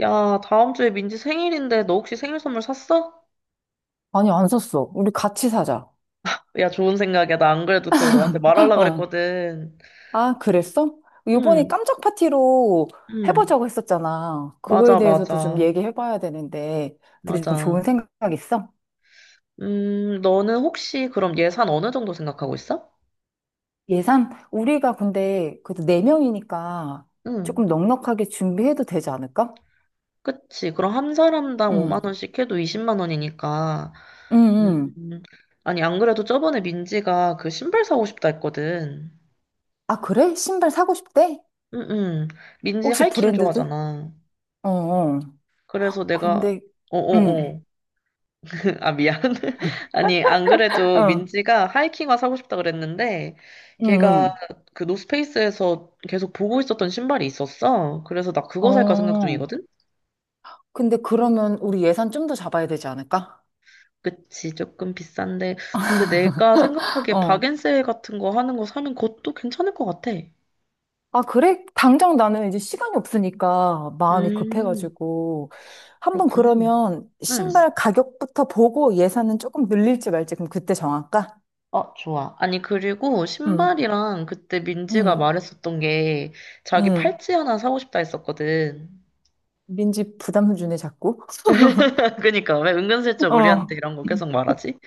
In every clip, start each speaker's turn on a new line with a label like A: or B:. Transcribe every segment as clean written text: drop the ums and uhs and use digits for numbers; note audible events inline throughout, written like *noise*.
A: 야, 다음 주에 민지 생일인데 너 혹시 생일 선물 샀어?
B: 아니, 안 샀어. 우리 같이 사자.
A: 야, 좋은 생각이야. 나 안 그래도 그거 너한테 말하려고
B: 어.
A: 그랬거든.
B: 아,
A: 어,
B: 그랬어? 요번에
A: 응,
B: 깜짝 파티로
A: 응.
B: 해보자고 했었잖아. 그거에
A: 맞아,
B: 대해서도 좀
A: 맞아.
B: 얘기해봐야 되는데, 되게 좀
A: 맞아.
B: 좋은 생각 있어?
A: 너는 혹시 그럼 예산 어느 정도 생각하고 있어?
B: 예산? 우리가 근데 그래도 네명이니까
A: 응.
B: 조금 넉넉하게 준비해도 되지 않을까?
A: 그치. 그럼 한 사람당 5만
B: 응.
A: 원씩 해도 20만 원이니까.
B: 응, 응.
A: 음, 아니, 안 그래도 저번에 민지가 그 신발 사고 싶다 했거든.
B: 아, 그래? 신발 사고 싶대?
A: 응, 응. 민지
B: 혹시
A: 하이킹
B: 브랜드도?
A: 좋아하잖아.
B: 어, 어.
A: 그래서 내가,
B: 근데, 응,
A: 어어어. *laughs* 아, 미안. *laughs*
B: *laughs*
A: 아니, 안 그래도
B: 어,
A: 민지가 하이킹화 사고 싶다 그랬는데,
B: 응,
A: 걔가
B: 응.
A: 그 노스페이스에서 계속 보고 있었던 신발이 있었어. 그래서 나 그거 살까 생각
B: 어.
A: 중이거든?
B: 근데 그러면 우리 예산 좀 더 잡아야 되지 않을까?
A: 그치, 조금 비싼데. 근데 내가 생각하기에
B: 어.
A: 박앤세 같은 거 하는 거 사면 그것도 괜찮을 것 같아.
B: 아, 그래? 당장 나는 이제 시간이 없으니까 마음이
A: 음,
B: 급해가지고. 한 번
A: 그렇구나.
B: 그러면
A: 응.
B: 신발 가격부터 보고 예산은 조금 늘릴지 말지 그럼 그때 정할까?
A: 어, 좋아. 아니, 그리고
B: 응,
A: 신발이랑 그때 민지가
B: 응,
A: 말했었던 게 자기
B: 응.
A: 팔찌 하나 사고 싶다 했었거든.
B: 민지 부담 주네, 자꾸. *laughs*
A: *laughs* 그니까 왜 은근슬쩍 우리한테
B: 어.
A: 이런 거 계속 말하지?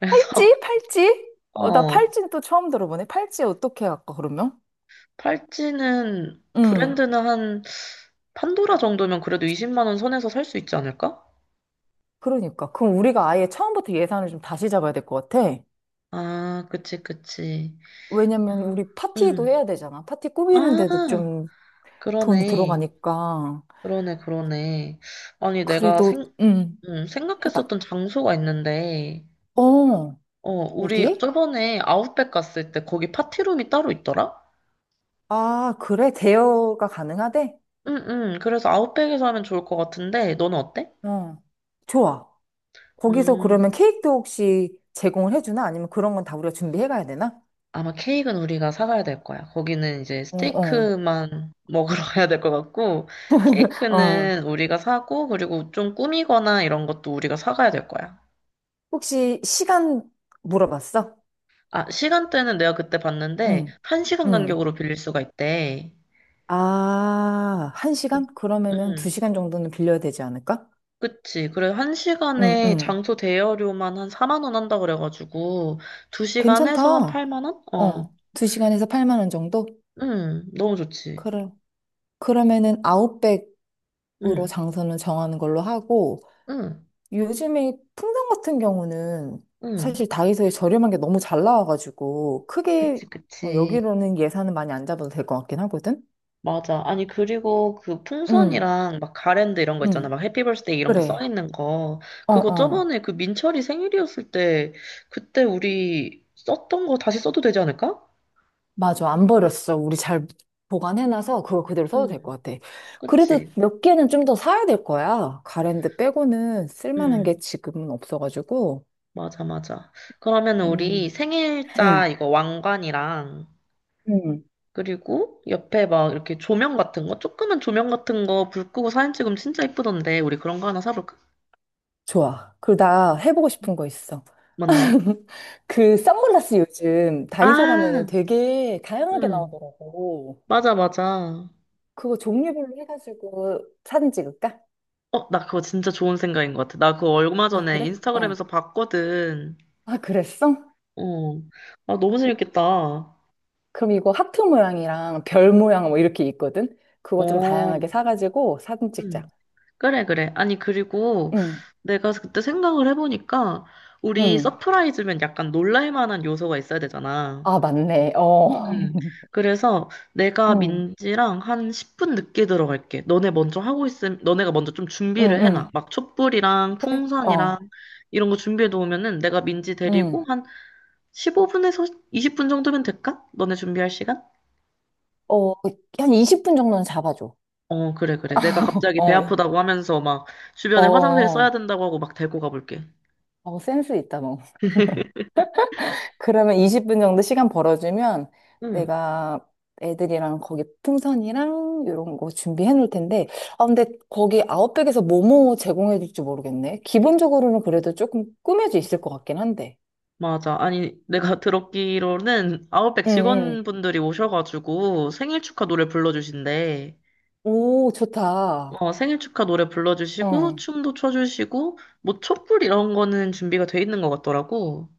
A: 그래서
B: 팔찌?
A: *laughs*
B: 팔찌? 어, 나
A: 어,
B: 팔찌는 또 처음 들어보네. 팔찌 어떻게 할까, 그러면?
A: 팔찌는
B: 응.
A: 브랜드는 한 판도라 정도면 그래도 20만 원 선에서 살 수 있지 않을까?
B: 그러니까. 그럼 우리가 아예 처음부터 예산을 좀 다시 잡아야 될 것 같아.
A: 아, 그치, 그치.
B: 왜냐면 우리 파티도
A: 음.
B: 해야 되잖아. 파티
A: 아,
B: 꾸미는데도 좀 돈이
A: 그러네,
B: 들어가니까.
A: 그러네, 그러네. 아니, 내가
B: 그래도, 음, 해봐.
A: 생각했었던 장소가 있는데,
B: 어,
A: 어, 우리
B: 어디?
A: 저번에 아웃백 갔을 때 거기 파티룸이 따로 있더라?
B: 아, 그래? 대여가 가능하대?
A: 응응, 그래서 아웃백에서 하면 좋을 것 같은데 너는 어때?
B: 어, 좋아. 거기서 그러면
A: 음.
B: 케이크도 혹시 제공을 해주나? 아니면 그런 건 다 우리가 준비해 가야 되나?
A: 아마 케이크는 우리가 사가야 될 거야. 거기는 이제
B: 어, 어,
A: 스테이크만 먹으러 *laughs* 가야 될 것 같고,
B: 어.
A: 케이크는 우리가 사고, 그리고 좀 꾸미거나 이런 것도 우리가 사가야 될 거야.
B: 혹시 시간 물어봤어?
A: 아, 시간대는 내가 그때 봤는데,
B: 응,
A: 한시간
B: 응.
A: 간격으로 빌릴 수가 있대.
B: 아, 한
A: 그-
B: 시간? 그러면은 두
A: 응,
B: 시간 정도는 빌려야 되지 않을까?
A: 그치. 그래,
B: 응,
A: 한시간에
B: 응.
A: 장소 대여료만 한 4만 원 한다 그래가지고, 두시간
B: 괜찮다.
A: 해서 한 8만 원? 어.
B: 어, 2시간에서 8만 원 정도?
A: 응, 너무 좋지.
B: 그럼 그러면은 아웃백으로
A: 응,
B: 장소는 정하는 걸로 하고
A: 응,
B: 요즘에 풍선 같은 경우는
A: 응.
B: 사실 다이소에 저렴한 게 너무 잘 나와가지고 크게
A: 그치,
B: 어,
A: 그치.
B: 여기로는 예산은 많이 안 잡아도 될 것 같긴 하거든?
A: 맞아. 아니, 그리고 그
B: 응,
A: 풍선이랑 막 가랜드 이런 거 있잖아.
B: 응,
A: 막 해피 벌스데이 이런 거 써
B: 그래.
A: 있는 거.
B: 어,
A: 그거
B: 어.
A: 저번에 그 민철이 생일이었을 때 그때 우리 썼던 거 다시 써도 되지 않을까?
B: 맞아. 안 버렸어. 우리 잘 보관해놔서 그거 그대로 써도 될
A: 음,
B: 것 같아. 그래도
A: 그치.
B: 몇 개는 좀 더 사야 될 거야. 가랜드 빼고는 쓸만한
A: 음,
B: 게 지금은 없어가지고.
A: 맞아, 맞아. 그러면 우리
B: 음.
A: 생일자
B: 응,
A: 이거 왕관이랑,
B: 응,
A: 그리고 옆에 막 이렇게 조명 같은 거, 조그만 조명 같은 거 불 끄고 사진 찍으면 진짜 예쁘던데. 우리 그런 거 하나 사볼까?
B: 좋아. 그리고 나 해보고 싶은 거 있어.
A: 뭔데?
B: *laughs* 그 선글라스 요즘 다이소 가면은
A: 아,
B: 되게 다양하게
A: 음,
B: 나오더라고.
A: 맞아, 맞아.
B: 그거 종류별로 해가지고 사진 찍을까?
A: 어, 나 그거 진짜 좋은 생각인 것 같아. 나 그거 얼마
B: 아,
A: 전에
B: 그래? 어.
A: 인스타그램에서 봤거든.
B: 아, 그랬어?
A: 어. 아, 너무 재밌겠다.
B: 그럼 이거 하트 모양이랑 별 모양 뭐 이렇게 있거든? 그거 좀
A: 어.
B: 다양하게 사가지고 사진 찍자.
A: 음. 그래, 그래. 아니, 그리고
B: 응,
A: 내가 그때 생각을 해보니까 우리
B: 응.
A: 서프라이즈면 약간 놀랄 만한 요소가 있어야 되잖아.
B: 아, 맞네. 어.
A: 음. 그래서 내가
B: 응,
A: 민지랑 한 10분 늦게 들어갈게. 너네 먼저 하고 있음, 너네가 먼저 좀
B: 응,
A: 준비를 해놔.
B: 응.
A: 막 촛불이랑
B: 그래?
A: 풍선이랑
B: 어,
A: 이런 거 준비해 놓으면은 내가 민지
B: 응.
A: 데리고 한 15분에서 20분 정도면 될까? 너네 준비할 시간?
B: 어, 한 20분 정도는 잡아줘.
A: 어, 그래, 그래. 내가 갑자기 배
B: 어.
A: 아프다고 하면서 막
B: 어,
A: 주변에 화장실 써야
B: 어,
A: 된다고 하고 막 데리고 가볼게.
B: 어, 센스 있다, 너. 그러면
A: 응,
B: 20분 정도 시간 벌어주면
A: 응,
B: 내가 애들이랑 거기 풍선이랑 이런 거 준비해 놓을 텐데, 아, 근데 거기 아웃백에서 뭐뭐 제공해 줄지 모르겠네. 기본적으로는 그래도 조금 꾸며져 있을 것 같긴 한데.
A: 맞아. 아니, 내가 *laughs* 들었기로는 아웃백
B: 응, 응.
A: 직원분들이 오셔가지고 생일 축하 노래 불러주신대.
B: 오, 좋다.
A: 어, 생일 축하 노래 불러주시고,
B: 응.
A: 춤도 춰주시고, 뭐 촛불 이런 거는 준비가 돼 있는 것 같더라고.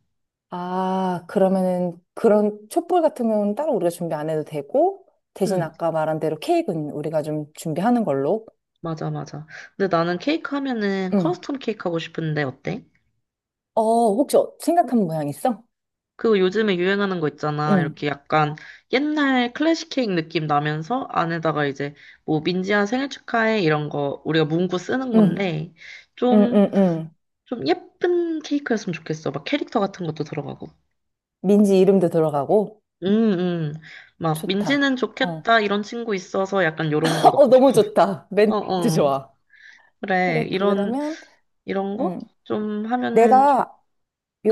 B: 아, 그러면은 그런 촛불 같은 경우는 따로 우리가 준비 안 해도 되고, 대신
A: 응,
B: 아까 말한 대로 케이크는 우리가 좀 준비하는 걸로.
A: 맞아, 맞아. 근데 나는 케이크 하면은
B: 응.
A: 커스텀 케이크 하고 싶은데 어때?
B: 어, 혹시 생각한 모양 있어?
A: 그 요즘에 유행하는 거 있잖아.
B: 응,
A: 이렇게 약간 옛날 클래식 케이크 느낌 나면서 안에다가 이제 뭐 민지야 생일 축하해 이런 거 우리가 문구 쓰는
B: 응,
A: 건데,
B: 응,
A: 좀,
B: 응, 응.
A: 좀 예쁜 케이크였으면 좋겠어. 막 캐릭터 같은 것도 들어가고.
B: 민지 이름도 들어가고.
A: 음, 음. 막
B: 좋다.
A: 민지는
B: 어.
A: 좋겠다 이런 친구 있어서 약간 요런 거
B: *laughs* 어,
A: 넣고 싶어.
B: 너무
A: *laughs*
B: 좋다.
A: 어,
B: 멘트
A: 어.
B: 좋아.
A: 그래.
B: 그래, 그 그러면,
A: 이런 거
B: 응.
A: 좀 하면은 좋,
B: 내가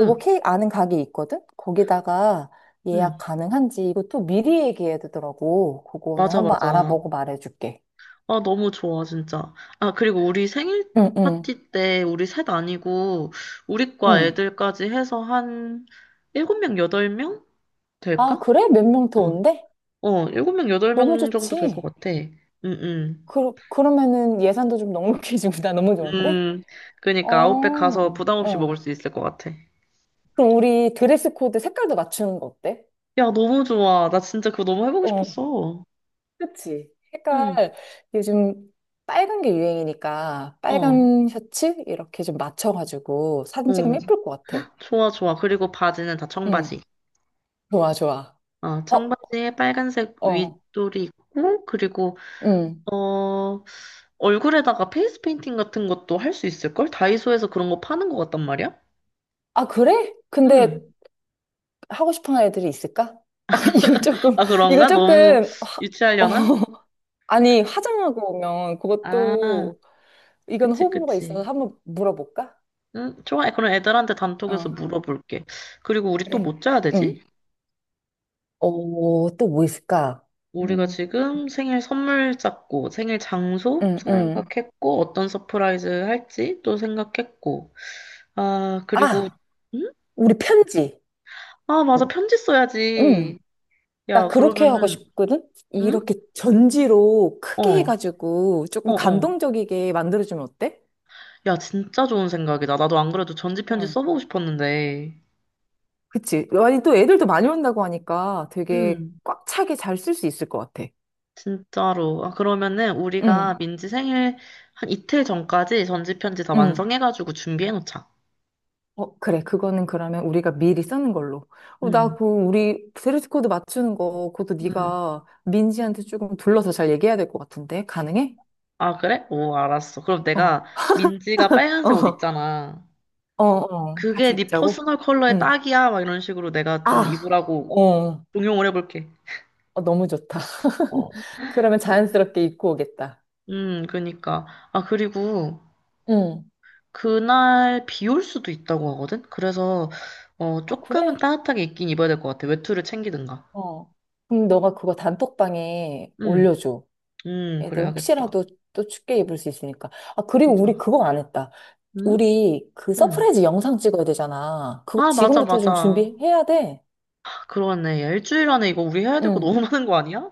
A: 응,
B: 케이크 아는 가게 있거든? 거기다가 예약
A: 응.
B: 가능한지 이것도 미리 얘기해야 되더라고. 그거는
A: 맞아,
B: 한번
A: 맞아.
B: 알아보고 말해줄게.
A: 아, 너무 좋아, 진짜. 아, 그리고 우리 생일
B: 응, 응,
A: 파티 때 우리 셋 아니고 우리 과
B: 응.
A: 애들까지 해서 한 7명, 8명
B: 아,
A: 될까?
B: 그래? 몇 명 더
A: 어,
B: 온대?
A: 어, 7명,
B: 너무
A: 8명 정도 될 것
B: 좋지.
A: 같아. 응, 응.
B: 그러면은 예산도 좀 넉넉해지고 *laughs* 나 너무 좋은데?
A: 음,
B: 어,
A: 그러니까 아웃백 가서 부담 없이 먹을
B: 어.
A: 수 있을 것 같아.
B: 그럼 우리 드레스 코드 색깔도 맞추는 거 어때?
A: 야, 너무 좋아. 나 진짜 그거 너무 해보고
B: 어,
A: 싶었어.
B: 그치.
A: 응,
B: 색깔, 요즘 빨간 게 유행이니까
A: 어,
B: 빨간 셔츠? 이렇게 좀 맞춰가지고 사진
A: 어.
B: 찍으면 예쁠 것 같아.
A: 좋아, 좋아. 그리고 바지는 다
B: 응,
A: 청바지.
B: 좋아, 좋아.
A: 어,
B: 어,
A: 청바지에 빨간색
B: 어,
A: 윗돌이 있고, 그리고
B: 응.
A: 어, 얼굴에다가 페이스 페인팅 같은 것도 할 수 있을걸? 다이소에서 그런 거 파는 것 같단 말이야?
B: 아, 그래? 근데
A: 응.
B: 하고 싶은 애들이 있을까? *laughs* 아, 이거 조금,
A: 아,
B: 이거
A: 그런가? 너무
B: 조금, 어,
A: 유치하려나?
B: 아니, 화장하고 오면
A: 아,
B: 그것도, 이건
A: 그치,
B: 호불호가 있어서
A: 그치.
B: 한번 물어볼까?
A: 응, 좋아. 그럼 애들한테 단톡에서
B: 어,
A: 물어볼게. 그리고 우리 또
B: 그래.
A: 뭐 짜야 되지?
B: 응. 어, 또 뭐 있을까?
A: 우리가
B: 음,
A: 지금 생일 선물 짰고, 생일 장소
B: 응, 응.
A: 생각했고, 어떤 서프라이즈 할지 또 생각했고. 아, 그리고,
B: 아,
A: 응?
B: 우리 편지.
A: 아, 맞아. 편지
B: 응.
A: 써야지.
B: 나
A: 야,
B: 그렇게 하고
A: 그러면은,
B: 싶거든?
A: 응?
B: 이렇게 전지로 크게
A: 어,
B: 해가지고
A: 어,
B: 조금
A: 어.
B: 감동적이게 만들어주면 어때?
A: 야, 진짜 좋은 생각이다. 나도 안 그래도 전지편지
B: 응.
A: 써보고 싶었는데.
B: 그치. 아니, 또 애들도 많이 온다고 하니까 되게
A: 음,
B: 꽉 차게 잘 쓸 수 있을 것 같아.
A: 진짜로. 아, 그러면은 우리가
B: 응,
A: 민지 생일 한 이틀 전까지 전지편지 다
B: 응.
A: 완성해가지고 준비해놓자.
B: 어, 그래. 그거는 그러면 우리가 미리 쓰는 걸로. 어, 나
A: 음,
B: 그, 우리 드레스 코드 맞추는 거, 그것도
A: 음.
B: 네가 민지한테 조금 둘러서 잘 얘기해야 될 것 같은데. 가능해?
A: 아, 그래? 오, 알았어. 그럼
B: 어,
A: 내가 민지가 빨간색 옷
B: 어,
A: 있잖아.
B: 어, 어.
A: 그게
B: 같이
A: 네
B: 입자고?
A: 퍼스널 컬러에
B: 응.
A: 딱이야. 막 이런 식으로 내가 좀
B: 아,
A: 입으라고
B: 어,
A: 응용을 해볼게.
B: 어, 너무 좋다.
A: 어.
B: *laughs* 그러면 자연스럽게 입고 오겠다.
A: 그니까. 아, 그리고
B: 응.
A: 그날 비 올 수도 있다고 하거든? 그래서,
B: 아,
A: 조금은
B: 그래?
A: 따뜻하게 입긴 입어야 될 것 같아. 외투를 챙기든가.
B: 어. 그럼 너가 그거 단톡방에
A: 응,
B: 올려줘.
A: 응,
B: 애들
A: 그래야겠다.
B: 혹시라도 또 춥게 입을 수 있으니까. 아, 그리고 우리
A: 보자.
B: 그거 안 했다.
A: 응?
B: 우리 그
A: 응.
B: 서프라이즈 영상 찍어야 되잖아. 그거
A: 아, 맞아,
B: 지금부터 좀
A: 맞아.
B: 준비해야 돼.
A: 그러네. 야, 일주일 안에 이거 우리 해야 될 거
B: 응.
A: 너무 *laughs* 많은 거 아니야?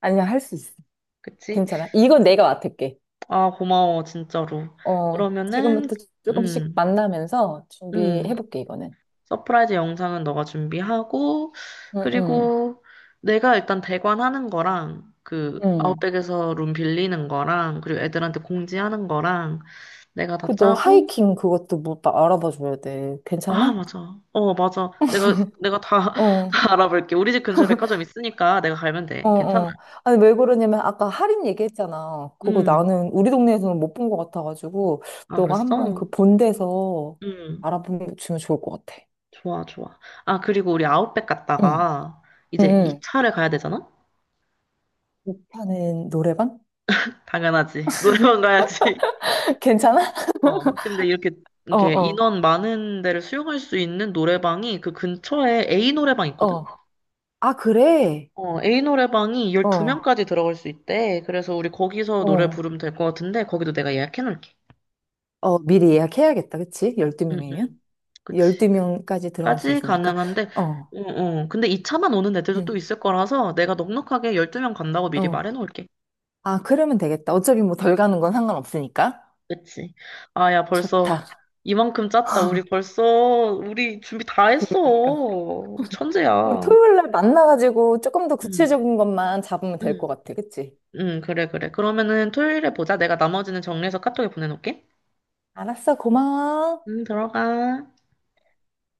B: 아니야, 할 수 있어.
A: 그치?
B: 괜찮아. 이건 내가 맡을게.
A: 아, 고마워, 진짜로.
B: 어,
A: 그러면은,
B: 지금부터 조금씩
A: 응,
B: 만나면서
A: 응.
B: 준비해볼게, 이거는.
A: 서프라이즈 영상은 너가 준비하고,
B: 응, 응,
A: 그리고 내가 일단 대관하는 거랑, 그,
B: 응.
A: 아웃백에서 룸 빌리는 거랑, 그리고 애들한테 공지하는 거랑, 내가 다
B: 그, 너
A: 짜고,
B: 하이킹 그것도 알아봐 줘야 돼.
A: 아,
B: 괜찮아?
A: 맞아. 어, 맞아. 내가 *laughs*
B: 어,
A: 다 알아볼게. 우리 집 근처에 백화점 있으니까 내가 가면
B: 어,
A: 돼. 괜찮아.
B: 어. 아니, 왜 그러냐면, 아까 할인 얘기했잖아. 그거
A: 음.
B: 나는 우리 동네에서는 못 본 것 같아가지고,
A: 아,
B: 너가
A: 그랬어?
B: 한번 그 본데서
A: 음.
B: 알아보면 좋을 것 같아.
A: 좋아, 좋아. 아, 그리고 우리 아웃백
B: 응,
A: 갔다가, 이제
B: 응,
A: 이차를 가야 되잖아?
B: 응. 하는 노래방?
A: 당연하지. *laughs* 노래방 가야지.
B: *laughs* 괜찮아?
A: 어, 근데
B: 어,
A: 이렇게
B: 어,
A: 인원 많은 데를 수용할 수 있는 노래방이 그 근처에 A 노래방 있거든?
B: 어. 아, 그래?
A: 어, A 노래방이
B: 어,
A: 12명까지 들어갈 수 있대. 그래서 우리 거기서 노래
B: 어.
A: 부르면 될 것 같은데, 거기도 내가 예약해 놓을게.
B: 어, 미리 예약해야겠다, 그치?
A: 응,
B: 12명이면?
A: 응. 그치.
B: 12명까지 들어갈 수
A: 까지
B: 있으니까.
A: 가능한데,
B: 어,
A: 응, 응. 근데 이 차만 오는 애들도 또
B: 응,
A: 있을 거라서 내가 넉넉하게 12명 간다고 미리
B: 어.
A: 말해 놓을게.
B: 아, 그러면 되겠다. 어차피 뭐 덜 가는 건 상관없으니까.
A: 그치. 아, 야, 벌써
B: 좋다.
A: 이만큼 짰다. 우리 준비 다 했어.
B: 그러니까.
A: 우리
B: 우리
A: 천재야.
B: 토요일 날 만나가지고 조금 더
A: 응,
B: 구체적인 것만 잡으면 될 것
A: 응.
B: 같아, 그치?
A: 응, 그래, 그래. 그러면은 토요일에 보자. 내가 나머지는 정리해서 카톡에 보내놓을게.
B: 알았어, 고마워.
A: 응, 들어가.